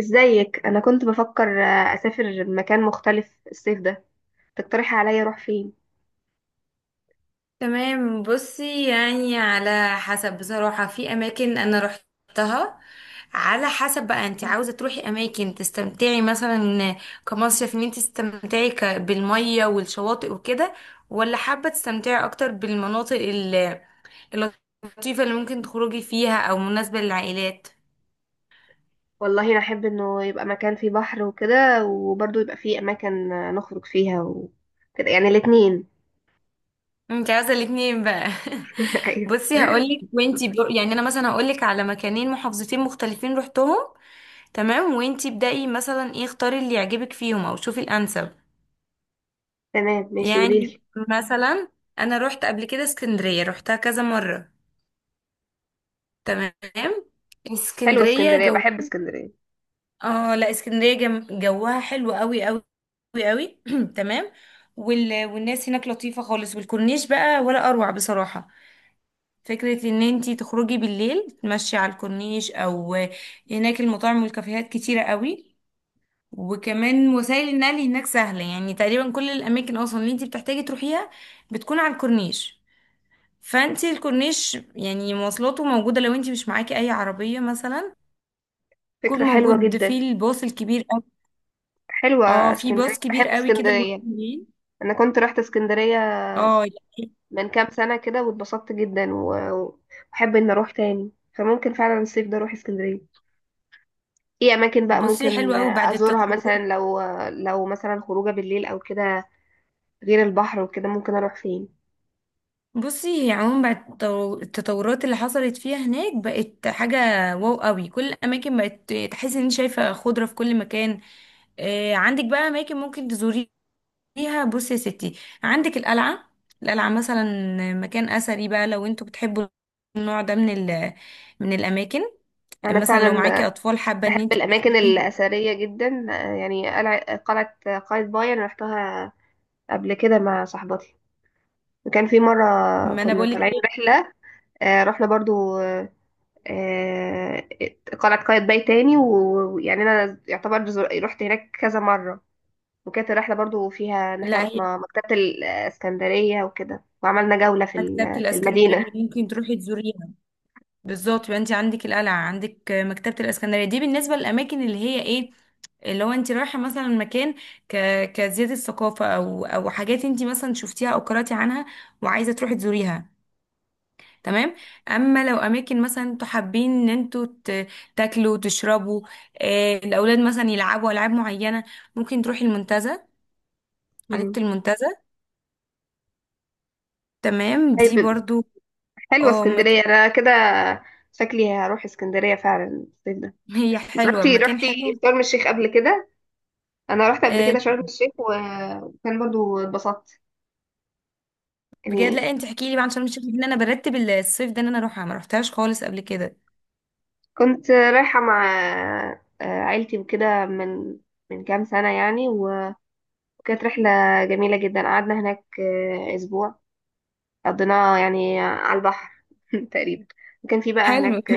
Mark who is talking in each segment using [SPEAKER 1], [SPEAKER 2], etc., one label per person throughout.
[SPEAKER 1] ازيك؟ انا كنت بفكر اسافر مكان مختلف الصيف ده. تقترح عليا اروح فين؟
[SPEAKER 2] تمام، بصي يعني على حسب. بصراحة في أماكن أنا روحتها، على حسب بقى انت عاوزة تروحي أماكن تستمتعي مثلا كمصيف، ان انت تستمتعي بالمية والشواطئ وكده، ولا حابة تستمتعي أكتر بالمناطق اللطيفة اللي ممكن تخرجي فيها، أو مناسبة للعائلات.
[SPEAKER 1] والله انا احب انه يبقى مكان فيه بحر وكده، وبرضه يبقى فيه اماكن نخرج فيها وكده، يعني الاتنين.
[SPEAKER 2] انت عاوزة الاتنين بقى؟
[SPEAKER 1] ايوه،
[SPEAKER 2] بصي هقولك. يعني أنا مثلا هقولك على مكانين، محافظتين مختلفين روحتهم. تمام، وانتي ابدأي مثلا، ايه، اختاري اللي يعجبك فيهم او شوفي الانسب.
[SPEAKER 1] تمام، ماشي،
[SPEAKER 2] يعني،
[SPEAKER 1] قوليلي.
[SPEAKER 2] مثلا، انا روحت قبل كده اسكندرية، روحتها كذا مرة. تمام.
[SPEAKER 1] حلوه
[SPEAKER 2] اسكندرية
[SPEAKER 1] اسكندريه،
[SPEAKER 2] جو.
[SPEAKER 1] بحب اسكندريه.
[SPEAKER 2] اه لا، اسكندرية جوها حلو قوي قوي، قوي قوي. تمام. والناس هناك لطيفة خالص، والكورنيش بقى ولا اروع بصراحة. فكرة ان انتي تخرجي بالليل تمشي على الكورنيش، او هناك المطاعم والكافيهات كتيرة قوي. وكمان وسائل النقل هناك سهلة، يعني تقريبا كل الأماكن أصلا اللي انتي بتحتاجي تروحيها بتكون على الكورنيش. فانتي الكورنيش يعني مواصلاته موجودة لو انتي مش معاكي أي عربية مثلا. يكون
[SPEAKER 1] فكره حلوه
[SPEAKER 2] موجود
[SPEAKER 1] جدا.
[SPEAKER 2] في الباص الكبير أوي.
[SPEAKER 1] حلوه
[SPEAKER 2] اه، في
[SPEAKER 1] اسكندريه،
[SPEAKER 2] باص
[SPEAKER 1] بحب
[SPEAKER 2] كبير أوي كده اللي هو
[SPEAKER 1] اسكندريه.
[SPEAKER 2] بالليل.
[SPEAKER 1] انا كنت رحت اسكندريه
[SPEAKER 2] اه يعني.
[SPEAKER 1] من كام سنه كده واتبسطت جدا واحب ان اروح تاني، فممكن فعلا الصيف ده اروح اسكندريه. ايه اماكن بقى
[SPEAKER 2] بصي، حلو
[SPEAKER 1] ممكن
[SPEAKER 2] أوي بعد
[SPEAKER 1] ازورها مثلا؟
[SPEAKER 2] التطورات.
[SPEAKER 1] لو مثلا خروجه بالليل او كده، غير البحر وكده ممكن اروح فين؟
[SPEAKER 2] بصي هي عموما بعد التطورات اللي حصلت فيها هناك بقت حاجة واو أوي. كل الأماكن بقت تحسي ان انت شايفة خضرة في كل مكان. عندك بقى اماكن ممكن تزوريها فيها. بصي يا ستي، عندك القلعة. القلعة مثلا مكان أثري، بقى لو انتوا بتحبوا النوع ده من ال، من الأماكن.
[SPEAKER 1] انا
[SPEAKER 2] مثلا لو معاكي
[SPEAKER 1] فعلا
[SPEAKER 2] أطفال حابة
[SPEAKER 1] بحب
[SPEAKER 2] ان انت
[SPEAKER 1] الاماكن
[SPEAKER 2] تدخليهم.
[SPEAKER 1] الاثريه جدا. يعني قلعه قايتباي انا رحتها قبل كده مع صاحبتي. وكان في مره
[SPEAKER 2] ما أنا
[SPEAKER 1] كنا
[SPEAKER 2] بقولك
[SPEAKER 1] طالعين
[SPEAKER 2] ايه.
[SPEAKER 1] رحله، رحنا برضو آه، قلعه قايتباي تاني ويعني انا يعتبر رحت هناك كذا مره. وكانت الرحلة برضو فيها ان احنا
[SPEAKER 2] لا هي،
[SPEAKER 1] رحنا مكتبة الاسكندرية وكده، وعملنا جولة
[SPEAKER 2] مكتبة
[SPEAKER 1] في المدينة.
[SPEAKER 2] الإسكندرية ممكن تروحي تزوريها. بالظبط، يبقى انت عندك القلعة، عندك مكتبة الإسكندرية. دي بالنسبة للأماكن اللي هي ايه، اللي هو انت رايحه مثلا مكان ك... كزياده ثقافه، او حاجات انت مثلا شفتيها او قراتي عنها وعايزه تروحي تزوريها. تمام. اما لو اماكن مثلا انتوا حابين ان انتوا تاكلوا وتشربوا، الاولاد مثلا يلعبوا العاب معينه، ممكن تروحي المنتزه، حديقه
[SPEAKER 1] مم.
[SPEAKER 2] المنتزه. تمام، دي
[SPEAKER 1] طيب،
[SPEAKER 2] برضو.
[SPEAKER 1] حلوة
[SPEAKER 2] اه
[SPEAKER 1] اسكندرية،
[SPEAKER 2] مكان.
[SPEAKER 1] انا كده شكلي هروح اسكندرية فعلا الصيف ده.
[SPEAKER 2] هي حلوه،
[SPEAKER 1] جربتي،
[SPEAKER 2] مكان
[SPEAKER 1] رحتي
[SPEAKER 2] حلو.
[SPEAKER 1] شرم الشيخ قبل كده؟ انا رحت قبل
[SPEAKER 2] آه،
[SPEAKER 1] كده شرم الشيخ وكان برضو اتبسطت
[SPEAKER 2] بجد؟
[SPEAKER 1] يعني.
[SPEAKER 2] لا انت احكي لي بقى، عشان مش، ان انا برتب الصيف ده ان انا اروحها، ما روحتهاش خالص قبل كده.
[SPEAKER 1] كنت رايحة مع عيلتي وكده، من كام سنة يعني، وكانت رحلة جميلة جدا، قعدنا هناك أسبوع، قضيناه يعني على البحر. تقريبا. وكان في بقى
[SPEAKER 2] حلو.
[SPEAKER 1] هناك.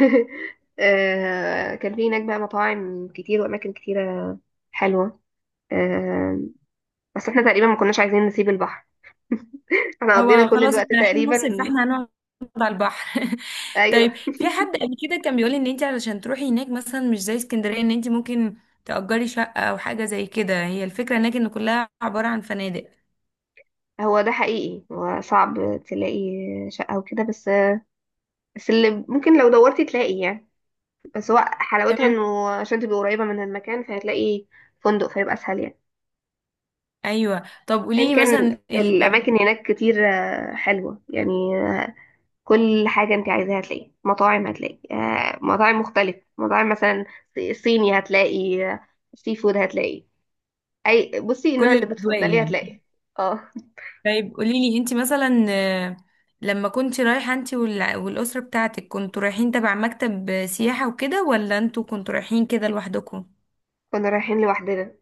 [SPEAKER 1] كان في هناك بقى مطاعم كتير وأماكن كتيرة حلوة. آه، بس احنا تقريبا ما كناش عايزين نسيب البحر. احنا قضينا
[SPEAKER 2] هو
[SPEAKER 1] كل
[SPEAKER 2] خلاص
[SPEAKER 1] الوقت
[SPEAKER 2] احنا رايحين
[SPEAKER 1] تقريبا.
[SPEAKER 2] مصيف، فاحنا هنقعد على البحر.
[SPEAKER 1] ايوه.
[SPEAKER 2] طيب، في حد قبل كده كان بيقول ان انت علشان تروحي هناك مثلا مش زي اسكندرية، ان انت ممكن تأجري شقة او حاجة زي كده، هي الفكرة هناك ان كلها عبارة عن فنادق.
[SPEAKER 1] هو ده حقيقي، هو صعب تلاقي شقة وكده، بس اللي ممكن لو دورتي تلاقي يعني. بس هو حلاوتها
[SPEAKER 2] تمام.
[SPEAKER 1] انه عشان تبقي قريبة من المكان، فهتلاقي فندق فيبقى اسهل يعني.
[SPEAKER 2] ايوه، طب قولي
[SPEAKER 1] ان
[SPEAKER 2] لي
[SPEAKER 1] كان
[SPEAKER 2] مثلا
[SPEAKER 1] الاماكن هناك كتير حلوة يعني. كل حاجة انت عايزاها هتلاقي، مطاعم هتلاقي مطاعم مختلفة، مطاعم مثلا صيني هتلاقي. سي فود هتلاقي. اي بصي، النوع
[SPEAKER 2] كل
[SPEAKER 1] اللي
[SPEAKER 2] الاجواء
[SPEAKER 1] بتفضليه
[SPEAKER 2] يعني.
[SPEAKER 1] هتلاقي. اه.
[SPEAKER 2] طيب قولي لي انت مثلا، لما كنت رايحة انت والأسرة بتاعتك، كنتوا رايحين تبع مكتب سياحة وكده، ولا انتوا كنتوا رايحين كده لوحدكم؟
[SPEAKER 1] كنا رايحين لوحدنا.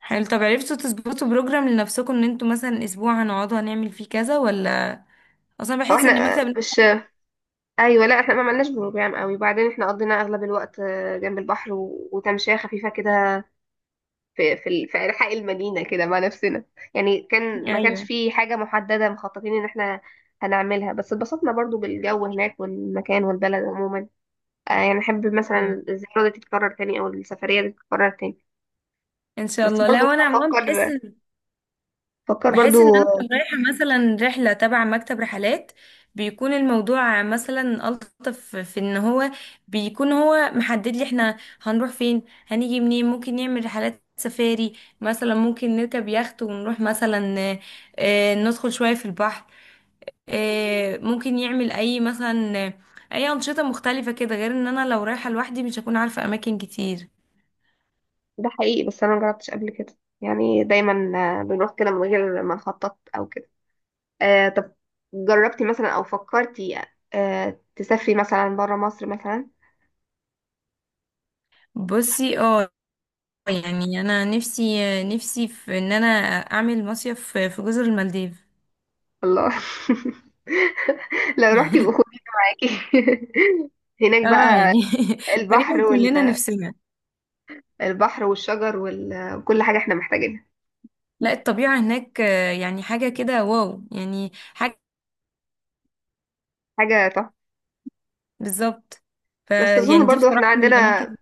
[SPEAKER 2] حلو. طب عرفتوا تظبطوا بروجرام لنفسكم ان انتوا مثلا اسبوع هنقعدوا هنعمل فيه كذا، ولا اصلا
[SPEAKER 1] هو
[SPEAKER 2] بحس ان
[SPEAKER 1] احنا
[SPEAKER 2] مكتب.
[SPEAKER 1] آه، مش ايوه، لا احنا ما عملناش بروجرام قوي، بعدين احنا قضينا اغلب الوقت جنب البحر وتمشية خفيفة كده، في في انحاء المدينة كده مع نفسنا. يعني كان ما كانش
[SPEAKER 2] ايوه.
[SPEAKER 1] في حاجة محددة مخططين ان احنا هنعملها، بس اتبسطنا برضو بالجو هناك والمكان والبلد عموما. يعني احب
[SPEAKER 2] ايوه،
[SPEAKER 1] مثلا الزيارة دي تتكرر تاني، او السفرية دي تتكرر تاني.
[SPEAKER 2] ان شاء
[SPEAKER 1] بس
[SPEAKER 2] الله. لا،
[SPEAKER 1] برضو
[SPEAKER 2] وانا عموما بحس
[SPEAKER 1] افكر
[SPEAKER 2] ان،
[SPEAKER 1] افكر
[SPEAKER 2] بحس ان
[SPEAKER 1] برضو.
[SPEAKER 2] انا لو رايحه مثلا رحله تبع مكتب رحلات، بيكون الموضوع مثلا الطف في ان هو بيكون هو محدد لي احنا هنروح فين هنيجي منين، ممكن نعمل رحلات سفاري مثلا، ممكن نركب يخت ونروح مثلا، ندخل شويه في البحر، ممكن يعمل اي مثلا، اي انشطه مختلفه كده، غير ان انا لو رايحه لوحدي مش هكون عارفه اماكن كتير.
[SPEAKER 1] ده حقيقي، بس انا مجربتش قبل كده يعني، دايما بنروح كده من غير ما نخطط او كده. آه، طب جربتي مثلا او فكرتي، تسافري مثلا برا مصر مثلا؟
[SPEAKER 2] بصي اه، يعني انا نفسي، نفسي في ان انا اعمل مصيف في جزر المالديف.
[SPEAKER 1] الله! لو رحتي يبقى خد معاكي. هناك
[SPEAKER 2] اه
[SPEAKER 1] بقى
[SPEAKER 2] يعني. تقريبا
[SPEAKER 1] البحر
[SPEAKER 2] كلنا
[SPEAKER 1] وال...
[SPEAKER 2] نفسنا.
[SPEAKER 1] البحر والشجر وكل حاجة احنا محتاجينها.
[SPEAKER 2] لا الطبيعه هناك، يعني حاجه كده واو، يعني حاجه.
[SPEAKER 1] حاجة تحفة.
[SPEAKER 2] بالظبط. ف،
[SPEAKER 1] بس اظن
[SPEAKER 2] يعني دي
[SPEAKER 1] برضو احنا
[SPEAKER 2] بصراحه من
[SPEAKER 1] عندنا.
[SPEAKER 2] الاماكن.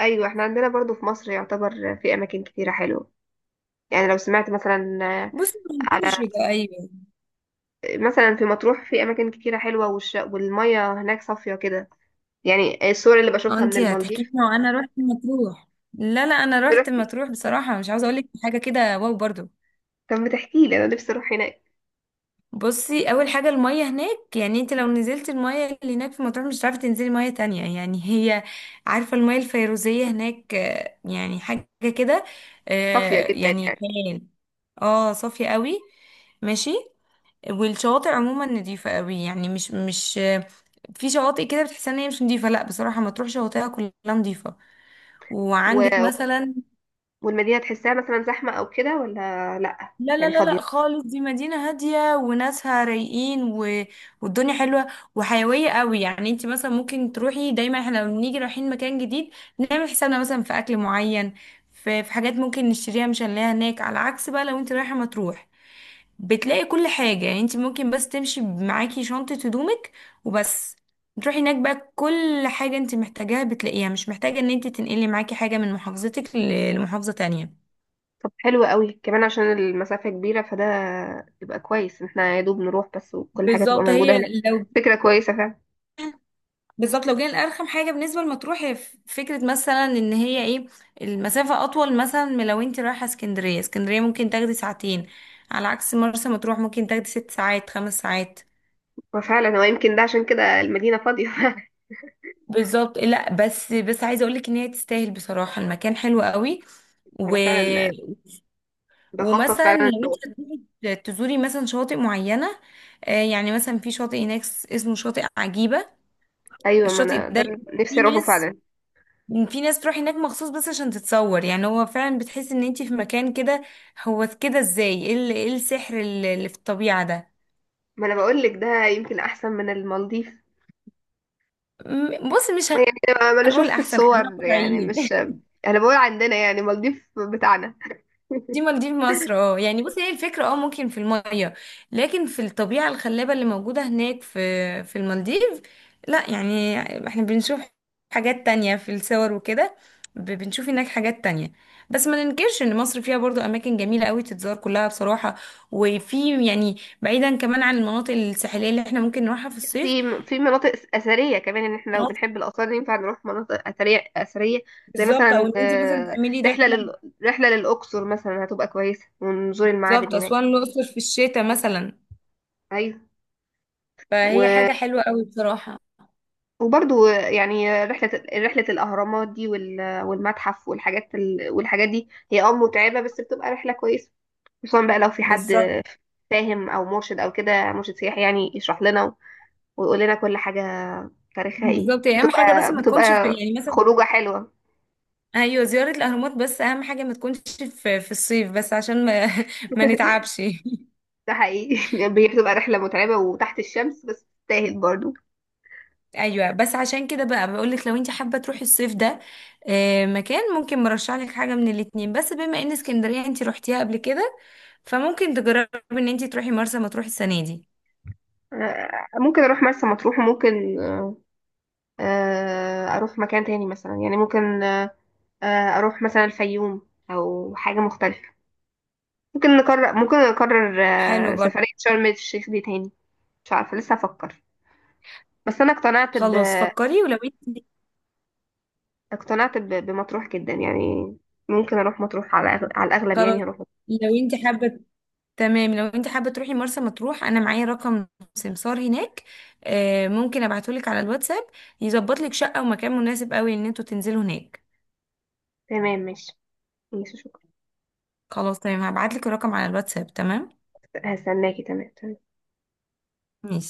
[SPEAKER 1] ايوه، احنا عندنا برضو في مصر يعتبر في اماكن كتيره حلوه. يعني لو سمعت مثلا،
[SPEAKER 2] بصي ما
[SPEAKER 1] على،
[SPEAKER 2] انكرش ده، ايوه.
[SPEAKER 1] مثلا في مطروح في اماكن كتيره حلوه، والميه هناك صافيه كده. يعني الصور اللي
[SPEAKER 2] اه
[SPEAKER 1] بشوفها من
[SPEAKER 2] انتي هتحكي
[SPEAKER 1] المالديف.
[SPEAKER 2] لنا وانا رحت مطروح؟ لا لا، انا رحت
[SPEAKER 1] رحت.
[SPEAKER 2] مطروح بصراحه، مش عاوزه اقول لك حاجه كده واو برضو.
[SPEAKER 1] طب ما تحكي لي، انا نفسي اروح هناك.
[SPEAKER 2] بصي، اول حاجه الميه هناك، يعني انت لو نزلت الميه اللي هناك في مطروح مش هتعرفي تنزلي ميه تانية. يعني هي، عارفه الميه الفيروزيه هناك، يعني حاجه كده،
[SPEAKER 1] صافيه جدا
[SPEAKER 2] يعني
[SPEAKER 1] يعني.
[SPEAKER 2] خيال. اه صافيه قوي. ماشي. والشواطئ عموما نظيفه قوي، يعني مش في شواطئ كده بتحس ان هي مش نظيفه، لا بصراحه مطروح شواطئها كلها نظيفه.
[SPEAKER 1] و...
[SPEAKER 2] وعندك مثلا.
[SPEAKER 1] والمدينه تحسها مثلا زحمه او كده، ولا لا؟
[SPEAKER 2] لا لا
[SPEAKER 1] يعني
[SPEAKER 2] لا
[SPEAKER 1] فاضيه.
[SPEAKER 2] لا خالص، دي مدينة هادية وناسها رايقين، و... والدنيا حلوة وحيوية قوي. يعني انت مثلا ممكن تروحي، دايما احنا لما بنيجي رايحين مكان جديد نعمل حسابنا مثلا في اكل معين، في حاجات ممكن نشتريها مش هنلاقيها هناك. على عكس بقى لو انت رايحة مطروح، بتلاقي كل حاجة. يعني انت ممكن بس تمشي معاكي شنطة هدومك وبس، تروحي هناك بقى كل حاجة انت محتاجاها بتلاقيها، مش محتاجة ان انت تنقلي معاكي حاجة من محافظتك لمحافظة تانية.
[SPEAKER 1] طب، حلو قوي كمان عشان المسافه كبيره فده، يبقى كويس، احنا يا دوب نروح بس وكل حاجه تبقى
[SPEAKER 2] بالظبط
[SPEAKER 1] موجوده
[SPEAKER 2] هي،
[SPEAKER 1] هناك.
[SPEAKER 2] لو،
[SPEAKER 1] فكره كويسه فعلا.
[SPEAKER 2] بالظبط لو جينا لأرخم حاجة بالنسبة لمطروح، هي فكرة مثلا ان هي ايه، المسافة اطول مثلا من لو انت رايحة اسكندرية. اسكندرية ممكن تاخدي ساعتين، على عكس مرسى مطروح ممكن تاخدي 6 ساعات، 5 ساعات.
[SPEAKER 1] وفعلا هو يمكن ده عشان كده المدينه فاضيه.
[SPEAKER 2] بالظبط. لا بس، بس عايزة اقولك ان هي تستاهل بصراحة، المكان حلو قوي. و...
[SPEAKER 1] انا فعلا بخطط
[SPEAKER 2] ومثلا
[SPEAKER 1] فعلا إن
[SPEAKER 2] لو انت
[SPEAKER 1] أروح.
[SPEAKER 2] هتروحي تزوري مثلا شواطئ معينة، يعني مثلا في شاطئ هناك اسمه شاطئ عجيبة.
[SPEAKER 1] ايوه، ما
[SPEAKER 2] الشاطئ
[SPEAKER 1] انا ده
[SPEAKER 2] ده،
[SPEAKER 1] اللي نفسي
[SPEAKER 2] في
[SPEAKER 1] اروحه
[SPEAKER 2] ناس،
[SPEAKER 1] فعلا.
[SPEAKER 2] في ناس تروح هناك مخصوص بس عشان تتصور. يعني هو فعلا بتحس ان انتي في مكان كده، هو كده ازاي؟ ايه إيه السحر اللي في الطبيعة ده!
[SPEAKER 1] ما انا بقول لك ده يمكن احسن من المالديف.
[SPEAKER 2] بص، مش
[SPEAKER 1] ما انا
[SPEAKER 2] هنقول
[SPEAKER 1] شفت
[SPEAKER 2] احسن، خلينا
[SPEAKER 1] الصور يعني،
[SPEAKER 2] واقعيين.
[SPEAKER 1] مش انا بقول عندنا يعني المالديف بتاعنا.
[SPEAKER 2] دي مالديف مصر. اه يعني بصي، هي الفكرة اه ممكن في المية، لكن في الطبيعة الخلابة اللي موجودة هناك في في المالديف، لا، يعني احنا بنشوف حاجات تانية في الصور وكده، بنشوف هناك حاجات تانية. بس ما ننكرش ان مصر فيها برضو اماكن جميلة قوي تتزار كلها بصراحة. وفي يعني، بعيدا كمان عن المناطق الساحلية اللي احنا ممكن نروحها في الصيف،
[SPEAKER 1] في مناطق اثريه كمان، ان احنا لو
[SPEAKER 2] مناطق.
[SPEAKER 1] بنحب الاثار ينفع نروح مناطق اثريه اثريه. زي
[SPEAKER 2] بالظبط، او
[SPEAKER 1] مثلا
[SPEAKER 2] ان انت مثلا تعملي
[SPEAKER 1] رحله
[SPEAKER 2] رحلة.
[SPEAKER 1] لل... رحله للاقصر مثلا هتبقى كويسه، ونزور المعابد
[SPEAKER 2] بالظبط،
[SPEAKER 1] هناك.
[SPEAKER 2] اسوان الاقصر في الشتاء مثلا،
[SPEAKER 1] ايوه.
[SPEAKER 2] فهي
[SPEAKER 1] و...
[SPEAKER 2] حاجة حلوة قوي بصراحة.
[SPEAKER 1] وبرضو يعني رحلة الأهرامات دي والمتحف والحاجات والحاجات دي هي متعبة، بس بتبقى رحلة كويسة. خصوصا بقى لو في حد
[SPEAKER 2] بالظبط.
[SPEAKER 1] فاهم أو مرشد أو كده، مرشد سياحي يعني يشرح لنا ويقول لنا كل حاجة تاريخها ايه،
[SPEAKER 2] بالظبط، يعني اهم حاجه بس
[SPEAKER 1] بتبقى
[SPEAKER 2] ما تكونش في،
[SPEAKER 1] بتبقى
[SPEAKER 2] يعني مثلا،
[SPEAKER 1] خروجة حلوة.
[SPEAKER 2] ايوه زياره الاهرامات، بس اهم حاجه ما تكونش في الصيف بس عشان ما ما نتعبش.
[SPEAKER 1] ده حقيقي. بتبقى رحلة متعبة وتحت الشمس، بس تستاهل برضو.
[SPEAKER 2] ايوه، بس عشان كده بقى بقول لك، لو انت حابه تروحي الصيف ده مكان، ممكن مرشح لك حاجه من الاتنين. بس بما ان اسكندريه انت روحتيها قبل كده، فممكن تجربي ان انت تروحي مرسى مطروح السنه دي.
[SPEAKER 1] ممكن أروح مرسى مطروح، وممكن أروح مكان تاني مثلا يعني، ممكن أروح مثلا الفيوم أو حاجة مختلفة. ممكن نكرر
[SPEAKER 2] حلو برضه.
[SPEAKER 1] سفرية شرم الشيخ دي تاني. مش عارفة، لسه هفكر. بس أنا
[SPEAKER 2] خلاص فكري. ولو انت،
[SPEAKER 1] بمطروح جدا يعني. ممكن أروح مطروح على الأغلب،
[SPEAKER 2] خلاص
[SPEAKER 1] يعني هروح مطروح.
[SPEAKER 2] لو انت حابه، تمام. لو انت حابة تروحي مرسى مطروح، انا معايا رقم سمسار هناك، ممكن ابعتهولك على الواتساب يظبط لك شقة ومكان مناسب قوي ان انتوا تنزلوا هناك.
[SPEAKER 1] تمام، ماشي، ماشي، شكرا.
[SPEAKER 2] خلاص تمام، هبعتلك الرقم على الواتساب. تمام،
[SPEAKER 1] هستناكي. تمام، تمام.
[SPEAKER 2] ماشي.